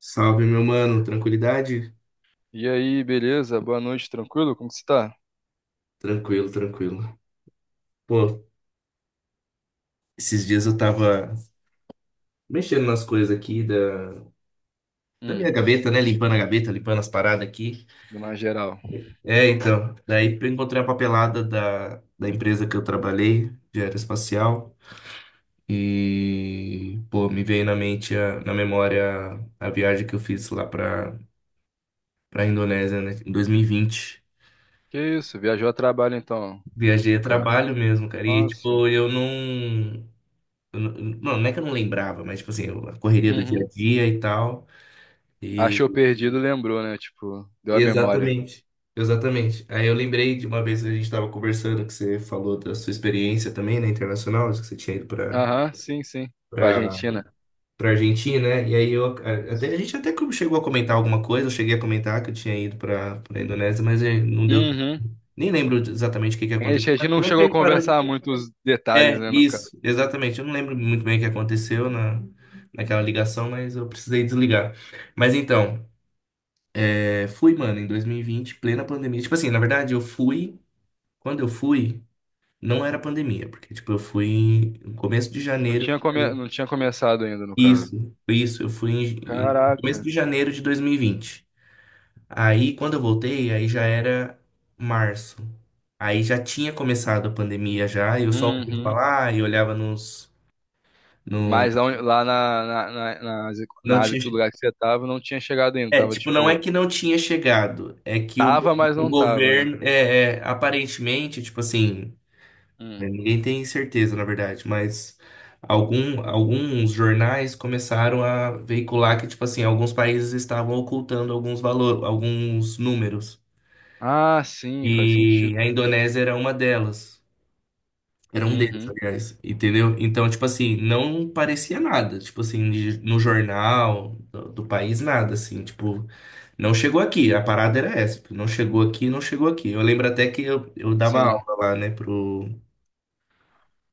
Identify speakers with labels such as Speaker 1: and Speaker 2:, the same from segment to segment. Speaker 1: Salve, meu mano. Tranquilidade?
Speaker 2: E aí, beleza? Boa noite, tranquilo? Como que você tá?
Speaker 1: Tranquilo, tranquilo. Pô, esses dias eu tava mexendo nas coisas aqui da
Speaker 2: Hum.
Speaker 1: minha gaveta, né? Limpando a gaveta, limpando as paradas aqui.
Speaker 2: Dona geral.
Speaker 1: É, então. Daí eu encontrei a papelada da empresa que eu trabalhei, de aeroespacial. E, pô, me veio na mente, na memória, a viagem que eu fiz lá pra Indonésia, né? Em 2020.
Speaker 2: Que isso? Viajou a trabalho então,
Speaker 1: Viajei a
Speaker 2: no caso.
Speaker 1: trabalho mesmo, cara. E,
Speaker 2: Nossa.
Speaker 1: tipo, eu não é que eu não lembrava, mas tipo assim, a correria do dia
Speaker 2: Uhum.
Speaker 1: a dia e tal. E
Speaker 2: Achou perdido, lembrou, né? Tipo, deu a memória.
Speaker 1: exatamente, exatamente. Aí eu lembrei de uma vez que a gente estava conversando que você falou da sua experiência também, né, internacional, que você tinha ido
Speaker 2: Aham, sim, sim. Pra
Speaker 1: para
Speaker 2: Argentina.
Speaker 1: para Argentina, né? E aí até
Speaker 2: Isso.
Speaker 1: a gente até que chegou a comentar alguma coisa, eu cheguei a comentar que eu tinha ido para Indonésia, mas não deu,
Speaker 2: Uhum.
Speaker 1: nem lembro exatamente o que que
Speaker 2: A
Speaker 1: aconteceu.
Speaker 2: gente a gente
Speaker 1: Mas
Speaker 2: não
Speaker 1: também a
Speaker 2: chegou a
Speaker 1: gente parou de...
Speaker 2: conversar muito os
Speaker 1: É,
Speaker 2: detalhes, né, no caso.
Speaker 1: isso, exatamente. Eu não lembro muito bem o que aconteceu na, naquela ligação, mas eu precisei desligar. Mas então, é, fui, mano, em 2020, plena pandemia. Tipo assim, na verdade, eu fui. Quando eu fui, não era pandemia, porque, tipo, eu fui no começo de
Speaker 2: Não
Speaker 1: janeiro.
Speaker 2: tinha, come... não tinha começado ainda, no caso.
Speaker 1: Isso, isso. Eu fui em, em começo
Speaker 2: Caraca.
Speaker 1: de janeiro de 2020. Aí, quando eu voltei, aí já era março. Aí já tinha começado a pandemia já, e eu só ouvia
Speaker 2: Uhum.
Speaker 1: falar e olhava nos. No,
Speaker 2: Mas lá, onde- lá na Ásia,
Speaker 1: não
Speaker 2: na Ásia,
Speaker 1: tinha.
Speaker 2: que o lugar que você tava, não tinha chegado ainda.
Speaker 1: É,
Speaker 2: Tava,
Speaker 1: tipo, não é
Speaker 2: tipo.
Speaker 1: que não tinha chegado, é que
Speaker 2: Tava, mas
Speaker 1: o
Speaker 2: não tava, né?
Speaker 1: governo, aparentemente, tipo assim,
Speaker 2: Hum.
Speaker 1: né, ninguém tem certeza, na verdade, mas alguns jornais começaram a veicular que, tipo assim, alguns países estavam ocultando alguns valores, alguns números,
Speaker 2: Ah, sim, faz
Speaker 1: e
Speaker 2: sentido.
Speaker 1: a Indonésia era uma delas, era um deles,
Speaker 2: Uhum.
Speaker 1: aliás, entendeu? Então, tipo assim, não parecia nada, tipo assim, no jornal do país, nada, assim, tipo... Não chegou aqui, a parada era essa. Tipo, não chegou aqui, não chegou aqui. Eu lembro até que eu dava
Speaker 2: Sim.
Speaker 1: aula lá, né, pro,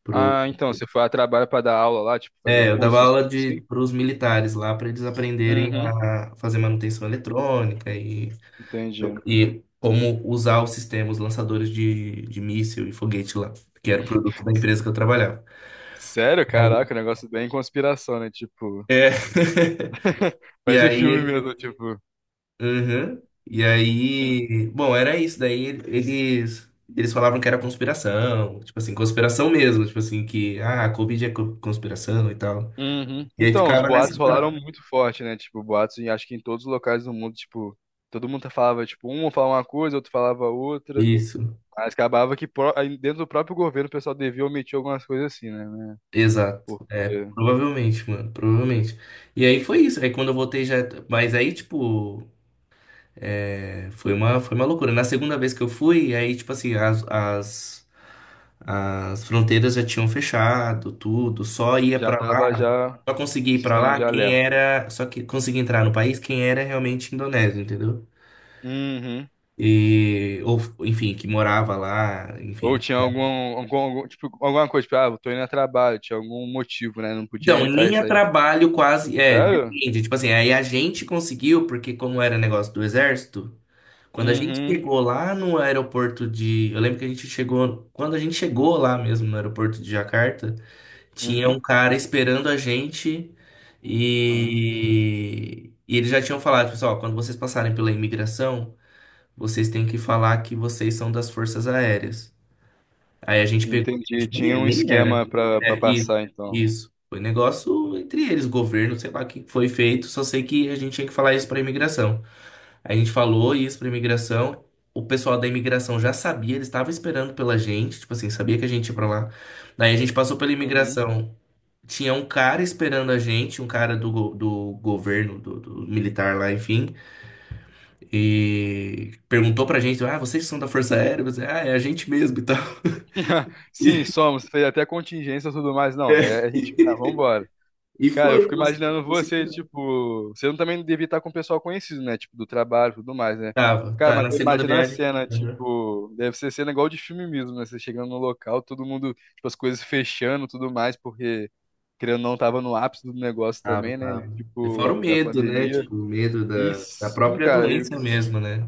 Speaker 1: pro...
Speaker 2: Ah, então, você foi a trabalho pra dar aula lá, tipo, fazer
Speaker 1: É, eu dava
Speaker 2: cursos,
Speaker 1: aula de,
Speaker 2: assim?
Speaker 1: pros militares lá para eles aprenderem
Speaker 2: Uhum.
Speaker 1: a fazer manutenção eletrônica
Speaker 2: Entendi.
Speaker 1: e como usar os sistemas lançadores de míssil e foguete lá, que era o produto da empresa que eu trabalhava.
Speaker 2: Sério,
Speaker 1: Aí-
Speaker 2: caraca, um negócio bem conspiração, né? Tipo,
Speaker 1: É. E
Speaker 2: parece filme
Speaker 1: aí
Speaker 2: mesmo, tipo.
Speaker 1: Uhum. E
Speaker 2: Hum.
Speaker 1: aí, bom, era isso. Daí eles falavam que era conspiração, tipo assim, conspiração mesmo, tipo assim que ah, a Covid é conspiração e tal.
Speaker 2: Uhum.
Speaker 1: E aí
Speaker 2: Então, os
Speaker 1: ficava
Speaker 2: boatos
Speaker 1: nessa parada.
Speaker 2: rolaram muito forte, né? Tipo, boatos, em- acho que em todos os locais do mundo, tipo, todo mundo falava, tipo, um falava uma coisa, outro falava outra.
Speaker 1: Isso,
Speaker 2: Mas acabava que pró- aí dentro do próprio governo o pessoal devia omitir algumas coisas assim, né?
Speaker 1: exato.
Speaker 2: Por
Speaker 1: É, provavelmente, mano, provavelmente. E aí foi isso. Aí quando eu voltei já, mas aí tipo, é, foi uma loucura. Na segunda vez que eu fui, aí tipo assim, as fronteiras já tinham fechado, tudo, só ia
Speaker 2: Já
Speaker 1: pra
Speaker 2: tava
Speaker 1: lá,
Speaker 2: já
Speaker 1: só conseguia ir pra
Speaker 2: sistema
Speaker 1: lá
Speaker 2: de
Speaker 1: quem
Speaker 2: alerta.
Speaker 1: era, só que conseguia entrar no país quem era realmente indonésio, entendeu?
Speaker 2: Uhum.
Speaker 1: E ou enfim, que morava lá,
Speaker 2: Ou
Speaker 1: enfim.
Speaker 2: tinha algum, algum- tipo, alguma coisa, tipo, ah, eu tô indo a trabalho, tinha algum motivo, né? Não podia
Speaker 1: Então,
Speaker 2: entrar e
Speaker 1: nem a
Speaker 2: sair assim.
Speaker 1: trabalho quase, é,
Speaker 2: Sério?
Speaker 1: depende, tipo assim, aí a gente conseguiu porque como era negócio do exército, quando a gente
Speaker 2: Uhum,
Speaker 1: chegou lá no aeroporto de, eu lembro que a gente chegou, quando a gente chegou lá mesmo no aeroporto de Jacarta, tinha
Speaker 2: uhum.
Speaker 1: um cara esperando a gente
Speaker 2: Ah,
Speaker 1: e eles já tinham falado, pessoal, quando vocês passarem pela imigração, vocês têm que falar que vocês são das Forças Aéreas. Aí a gente pegou, e a
Speaker 2: entendi.
Speaker 1: gente
Speaker 2: Tinha um
Speaker 1: nem era.
Speaker 2: esquema pra
Speaker 1: É, e,
Speaker 2: passar, então.
Speaker 1: isso. Foi negócio entre eles, governo, sei lá o que foi feito, só sei que a gente tinha que falar isso para imigração. A gente falou isso para imigração, o pessoal da imigração já sabia, eles estavam esperando pela gente, tipo assim, sabia que a gente ia para lá. Daí a gente passou pela
Speaker 2: Uhum.
Speaker 1: imigração. Tinha um cara esperando a gente, um cara do governo, do militar lá, enfim, e perguntou pra gente: Ah, vocês são da Força Aérea? Eu disse, ah, é a gente mesmo e tal.
Speaker 2: Sim, somos, fez até contingência e tudo mais. Não, é a gente, tá,
Speaker 1: E, é.
Speaker 2: vambora.
Speaker 1: E
Speaker 2: Cara, eu
Speaker 1: foi,
Speaker 2: fico
Speaker 1: você,
Speaker 2: imaginando
Speaker 1: você que
Speaker 2: você,
Speaker 1: não.
Speaker 2: tipo, você não também devia estar com o pessoal conhecido, né? Tipo, do trabalho e tudo mais, né?
Speaker 1: Tava,
Speaker 2: Cara,
Speaker 1: tá,
Speaker 2: mas
Speaker 1: na
Speaker 2: eu
Speaker 1: segunda
Speaker 2: imagino a
Speaker 1: viagem.
Speaker 2: cena,
Speaker 1: Uhum.
Speaker 2: tipo, deve ser cena igual de filme mesmo, né? Você chegando no local, todo mundo, tipo, as coisas fechando e tudo mais, porque, querendo ou não, tava no ápice do negócio
Speaker 1: Tava,
Speaker 2: também, né? E,
Speaker 1: tava. E fora o
Speaker 2: tipo, da
Speaker 1: medo, né?
Speaker 2: pandemia.
Speaker 1: Tipo, o medo
Speaker 2: E
Speaker 1: da
Speaker 2: sim,
Speaker 1: própria
Speaker 2: cara, eu-
Speaker 1: doença mesmo, né?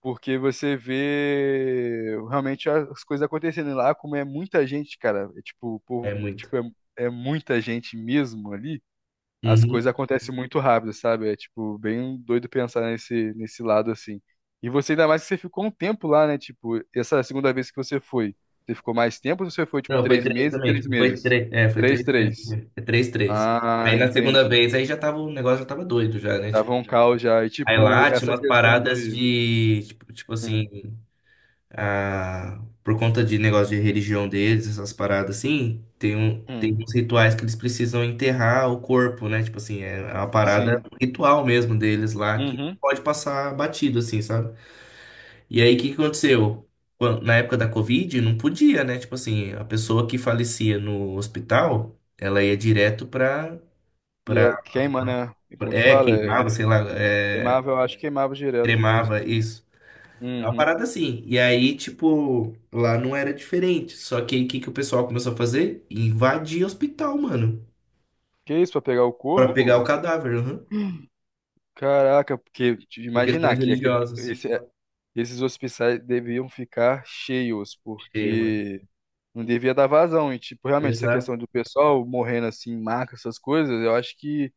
Speaker 2: porque você vê realmente as coisas acontecendo. E lá, como é muita gente, cara. É, tipo,
Speaker 1: É
Speaker 2: por,
Speaker 1: muito.
Speaker 2: tipo, é muita gente mesmo ali, as coisas
Speaker 1: Uhum.
Speaker 2: acontecem muito rápido, sabe? É tipo bem doido pensar nesse lado assim. E você ainda mais que você ficou um tempo lá, né? Tipo, essa segunda vez que você foi, você ficou mais tempo ou você foi tipo
Speaker 1: Não, foi
Speaker 2: três
Speaker 1: três
Speaker 2: meses?
Speaker 1: também,
Speaker 2: Três
Speaker 1: tipo, foi
Speaker 2: meses.
Speaker 1: três, é, foi
Speaker 2: Três,
Speaker 1: três vezes.
Speaker 2: três.
Speaker 1: É três, três.
Speaker 2: Ah,
Speaker 1: Aí na segunda
Speaker 2: entendi.
Speaker 1: vez, aí já tava, o negócio já tava doido já, né? Tipo,
Speaker 2: Tava um caos já. E
Speaker 1: aí
Speaker 2: tipo,
Speaker 1: lá tinha
Speaker 2: essa
Speaker 1: umas
Speaker 2: questão
Speaker 1: paradas
Speaker 2: de.
Speaker 1: de, tipo, tipo assim,
Speaker 2: Hum,
Speaker 1: ah, por conta de negócio de religião deles, essas paradas assim, tem, um,
Speaker 2: hum,
Speaker 1: tem uns rituais que eles precisam enterrar o corpo, né? Tipo assim, é uma parada
Speaker 2: sim.
Speaker 1: um ritual mesmo deles lá, que
Speaker 2: Uhum.
Speaker 1: pode passar batido, assim, sabe? E aí o que que aconteceu? Na época da Covid, não podia, né? Tipo assim, a pessoa que falecia no hospital, ela ia direto pra,
Speaker 2: E
Speaker 1: pra,
Speaker 2: é, queima, né? E como que
Speaker 1: é,
Speaker 2: fala? É,
Speaker 1: queimava, sei lá, é,
Speaker 2: queimava, eu acho que queimava direto mesmo.
Speaker 1: cremava isso. É uma
Speaker 2: Uhum.
Speaker 1: parada assim. E aí, tipo, lá não era diferente. Só que aí o que que o pessoal começou a fazer? Invadir hospital, mano.
Speaker 2: Que isso, pra pegar o
Speaker 1: Pra pegar o
Speaker 2: corpo?
Speaker 1: cadáver, aham.
Speaker 2: Caraca, porque te
Speaker 1: Por
Speaker 2: imaginar
Speaker 1: questões
Speaker 2: que aquele,
Speaker 1: religiosas.
Speaker 2: esse esses hospitais deviam ficar cheios,
Speaker 1: Cheio, mano.
Speaker 2: porque não devia dar vazão. E, tipo, realmente, essa
Speaker 1: Exato.
Speaker 2: questão do pessoal morrendo assim, em maca, essas coisas, eu acho que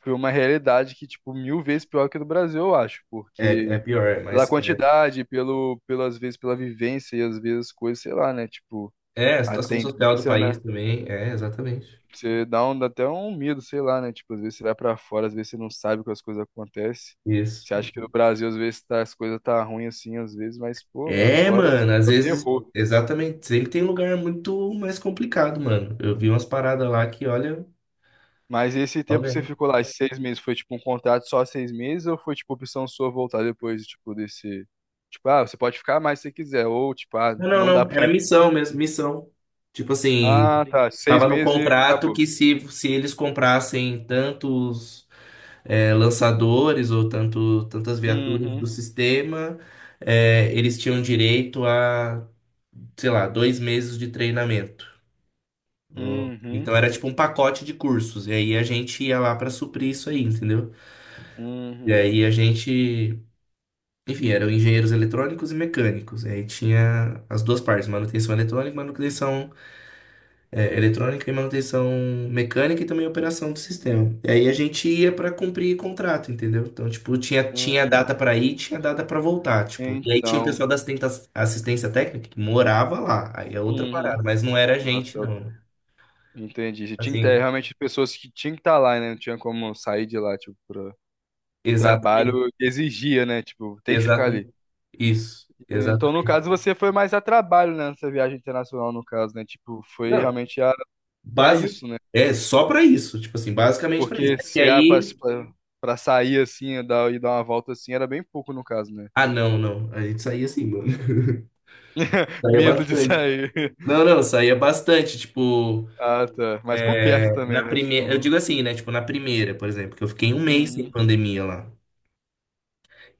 Speaker 2: foi uma realidade que, tipo, 1.000 vezes pior que a do Brasil, eu acho,
Speaker 1: É, é
Speaker 2: porque
Speaker 1: pior, é,
Speaker 2: pela
Speaker 1: mas é,
Speaker 2: quantidade, pelo, pelas vezes, pela vivência e às vezes coisas, sei lá, né? Tipo,
Speaker 1: é a
Speaker 2: a
Speaker 1: situação social do
Speaker 2: tendência,
Speaker 1: país
Speaker 2: né?
Speaker 1: também. É, exatamente.
Speaker 2: Você dá, um, dá até um medo, sei lá, né? Tipo, às vezes você vai pra fora, às vezes você não sabe que as coisas acontecem. Você
Speaker 1: Isso.
Speaker 2: acha que no Brasil, às vezes, tá, as coisas tá ruim assim, às vezes, mas, pô, lá
Speaker 1: É,
Speaker 2: fora
Speaker 1: mano, às
Speaker 2: é o
Speaker 1: vezes,
Speaker 2: terror.
Speaker 1: exatamente. Sempre tem lugar muito mais complicado, mano. Eu vi umas paradas lá que, olha,
Speaker 2: Mas esse
Speaker 1: só
Speaker 2: tempo que você
Speaker 1: vendo.
Speaker 2: ficou lá, esses 6 meses, foi tipo um contrato só 6 meses ou foi tipo opção sua voltar depois, tipo, desse. Tipo, ah, você pode ficar mais se você quiser, ou tipo, ah,
Speaker 1: Não, não,
Speaker 2: não dá
Speaker 1: não.
Speaker 2: pra
Speaker 1: Era
Speaker 2: mim.
Speaker 1: missão mesmo, missão. Tipo assim,
Speaker 2: Ah, tá, seis
Speaker 1: tava no
Speaker 2: meses e
Speaker 1: contrato
Speaker 2: acabou.
Speaker 1: que se eles comprassem tantos é, lançadores ou tantas viaturas do
Speaker 2: Uhum,
Speaker 1: sistema, é, eles tinham direito a, sei lá, dois meses de treinamento. Ou-
Speaker 2: uhum,
Speaker 1: Então era tipo um pacote de cursos. E aí a gente ia lá para suprir isso aí, entendeu? E
Speaker 2: uhum,
Speaker 1: aí a gente, enfim, eram engenheiros eletrônicos e mecânicos. E aí tinha as duas partes, manutenção eletrônica e manutenção é, eletrônica e manutenção mecânica e também operação do sistema. E aí a gente ia pra cumprir contrato, entendeu? Então, tipo, tinha
Speaker 2: uhum.
Speaker 1: data pra ir, tinha data pra voltar, tipo. E aí tinha o
Speaker 2: Então,
Speaker 1: pessoal assistência técnica que morava lá. Aí é outra parada,
Speaker 2: uhum.
Speaker 1: mas não era a
Speaker 2: Nossa,
Speaker 1: gente,
Speaker 2: eu
Speaker 1: não. né?
Speaker 2: Entendi. Você tinha que ter
Speaker 1: Assim,
Speaker 2: realmente pessoas que tinham que estar lá, né? Não tinha como sair de lá, tipo, pra... o trabalho
Speaker 1: exatamente,
Speaker 2: exigia, né? Tipo, tem que ficar ali.
Speaker 1: exatamente. Isso,
Speaker 2: Então, no
Speaker 1: exatamente.
Speaker 2: caso, você foi mais a trabalho, né? Nessa viagem internacional, no caso, né? Tipo, foi
Speaker 1: Não,
Speaker 2: realmente a... pra
Speaker 1: base
Speaker 2: isso, né?
Speaker 1: é só pra isso, tipo assim, basicamente pra isso.
Speaker 2: Porque
Speaker 1: E
Speaker 2: chegar pra,
Speaker 1: aí,
Speaker 2: sair assim dar, e dar uma volta assim era bem pouco, no caso, né?
Speaker 1: ah, não, não, a gente saía assim, mano. Saía
Speaker 2: Medo de
Speaker 1: bastante.
Speaker 2: sair.
Speaker 1: Não, não, saía bastante, tipo,
Speaker 2: Ah, tá. Mas por perto
Speaker 1: é, na
Speaker 2: também, né?
Speaker 1: primeira, eu digo
Speaker 2: Tipo.
Speaker 1: assim, né? Tipo, na primeira, por exemplo, que eu fiquei um mês sem
Speaker 2: Uhum,
Speaker 1: pandemia lá.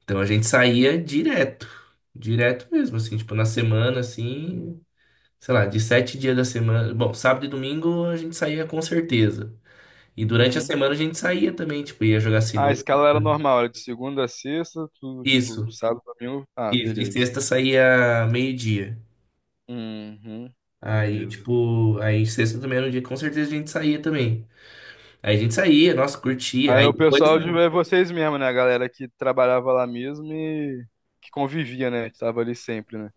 Speaker 1: Então a gente saía direto, direto mesmo, assim, tipo, na semana, assim, sei lá, de sete dias da semana. Bom, sábado e domingo a gente saía com certeza. E durante a
Speaker 2: uhum.
Speaker 1: semana a gente saía também, tipo, ia jogar
Speaker 2: Ah, a
Speaker 1: sinuca.
Speaker 2: escala era normal, era de segunda a sexta, tudo, tipo,
Speaker 1: Isso,
Speaker 2: sábado, domingo. Ah,
Speaker 1: isso. E
Speaker 2: beleza.
Speaker 1: sexta saía meio-dia.
Speaker 2: Uhum,
Speaker 1: Aí,
Speaker 2: beleza.
Speaker 1: tipo, aí sexta também era um dia que com certeza a gente saía também. Aí a gente saía, nossa, curtia.
Speaker 2: Aí era
Speaker 1: Aí
Speaker 2: o
Speaker 1: depois,
Speaker 2: pessoal de é vocês mesmo, né? A galera que trabalhava lá mesmo e que convivia, né? Que tava ali sempre, né?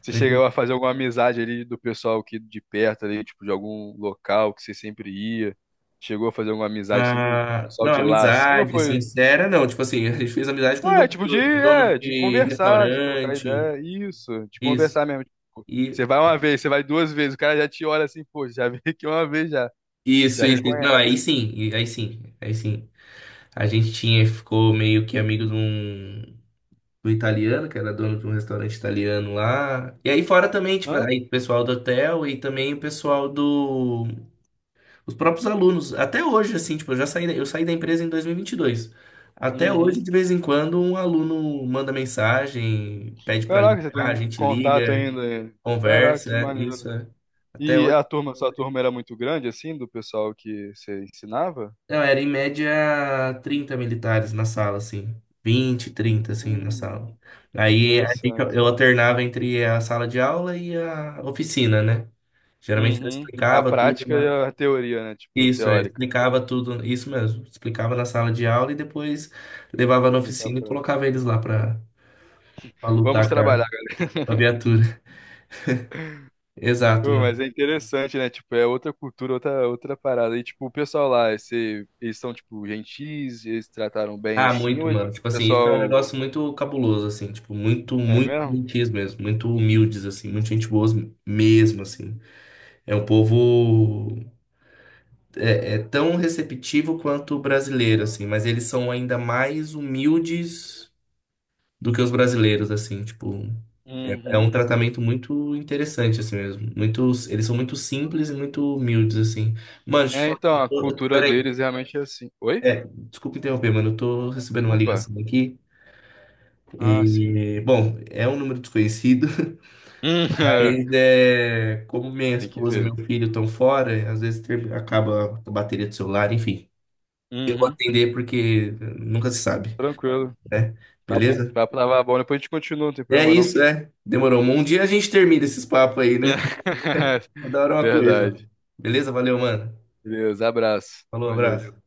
Speaker 2: Você chegou a fazer alguma amizade ali do pessoal que de perto ali, tipo, de algum local que você sempre ia? Chegou a fazer alguma amizade assim com o
Speaker 1: ah,
Speaker 2: pessoal
Speaker 1: não,
Speaker 2: de lá, assim, ou
Speaker 1: amizade
Speaker 2: foi?
Speaker 1: sincera, não. Tipo assim, a gente fez amizade com
Speaker 2: Ah, é, tipo, de,
Speaker 1: dono
Speaker 2: é, de
Speaker 1: de
Speaker 2: conversar, de trocar
Speaker 1: restaurante,
Speaker 2: ideia, isso, de
Speaker 1: isso.
Speaker 2: conversar mesmo. Tipo,
Speaker 1: E
Speaker 2: você vai uma vez, você vai 2 vezes, o cara já te olha assim, pô, já veio aqui uma vez já,
Speaker 1: isso,
Speaker 2: já
Speaker 1: isso. isso. Não,
Speaker 2: reconhece.
Speaker 1: aí sim, aí sim, aí sim. A gente tinha, ficou meio que amigo de um, do italiano, que era dono de um restaurante italiano lá. E aí fora também, tipo,
Speaker 2: Hã?
Speaker 1: aí o pessoal do hotel e também o pessoal do Os próprios alunos, até hoje, assim, tipo, eu já saí, eu saí da empresa em 2022. Até hoje,
Speaker 2: Uhum.
Speaker 1: de vez em quando, um aluno manda mensagem, pede para
Speaker 2: Caraca, você
Speaker 1: ligar, a
Speaker 2: tem
Speaker 1: gente
Speaker 2: contato
Speaker 1: liga,
Speaker 2: ainda? Caraca,
Speaker 1: conversa,
Speaker 2: que
Speaker 1: é isso.
Speaker 2: maneiro.
Speaker 1: É. Até
Speaker 2: E
Speaker 1: hoje,
Speaker 2: a turma, sua turma era muito grande, assim, do pessoal que você ensinava?
Speaker 1: não, era em média 30 militares na sala, assim. 20, 30, assim, na
Speaker 2: Hum,
Speaker 1: sala.
Speaker 2: interessante.
Speaker 1: Eu alternava entre a sala de aula e a oficina, né? Geralmente eu
Speaker 2: Uhum. A
Speaker 1: explicava tudo,
Speaker 2: prática e
Speaker 1: né?
Speaker 2: a teoria, né? Tipo,
Speaker 1: Isso, é,
Speaker 2: teórica.
Speaker 1: explicava tudo, isso mesmo. Explicava na sala de aula e depois levava na
Speaker 2: E pra
Speaker 1: oficina e colocava
Speaker 2: prática.
Speaker 1: eles lá pra, pra
Speaker 2: Vamos
Speaker 1: lutar
Speaker 2: trabalhar.
Speaker 1: com a viatura. Exato,
Speaker 2: Pô,
Speaker 1: mano.
Speaker 2: mas é interessante, né? Tipo, é outra cultura, outra, outra parada. E, tipo, o pessoal lá, esse, eles são, tipo, gentis, eles se trataram bem
Speaker 1: Ah,
Speaker 2: assim,
Speaker 1: muito,
Speaker 2: ou é, tipo,
Speaker 1: mano. Tipo
Speaker 2: o
Speaker 1: assim, isso é um
Speaker 2: pessoal.
Speaker 1: negócio muito cabuloso, assim. Tipo, muito,
Speaker 2: É
Speaker 1: muito
Speaker 2: mesmo?
Speaker 1: gentis mesmo. Muito humildes, assim. Muito gente boa mesmo, assim. É um povo... É, é tão receptivo quanto o brasileiro, assim. Mas eles são ainda mais humildes do que os brasileiros, assim, tipo, é, é um
Speaker 2: Uhum.
Speaker 1: tratamento muito interessante, assim mesmo. Muitos, eles são muito simples e muito humildes, assim. Mano, deixa eu te
Speaker 2: É,
Speaker 1: falar,
Speaker 2: então, a cultura
Speaker 1: peraí,
Speaker 2: deles realmente é assim. Oi?
Speaker 1: é, desculpa interromper, mano, eu tô recebendo uma
Speaker 2: Opa.
Speaker 1: ligação aqui.
Speaker 2: Ah, sim.
Speaker 1: E, bom, é um número desconhecido,
Speaker 2: Hum.
Speaker 1: mas é, como minha
Speaker 2: Tem que
Speaker 1: esposa e meu
Speaker 2: ver.
Speaker 1: filho estão fora, às vezes acaba a bateria do celular, enfim.
Speaker 2: Uhum.
Speaker 1: Atender porque nunca se sabe,
Speaker 2: Tranquilo.
Speaker 1: né?
Speaker 2: Tá,
Speaker 1: Beleza?
Speaker 2: tá pra lavar a bola, depois a gente continua, não tem
Speaker 1: É
Speaker 2: problema não.
Speaker 1: isso, né? Demorou. Um dia a gente termina esses papos aí, né? Adoro uma coisa.
Speaker 2: Verdade.
Speaker 1: Beleza? Valeu, mano.
Speaker 2: Beleza, abraço.
Speaker 1: Falou,
Speaker 2: Valeu.
Speaker 1: abraço.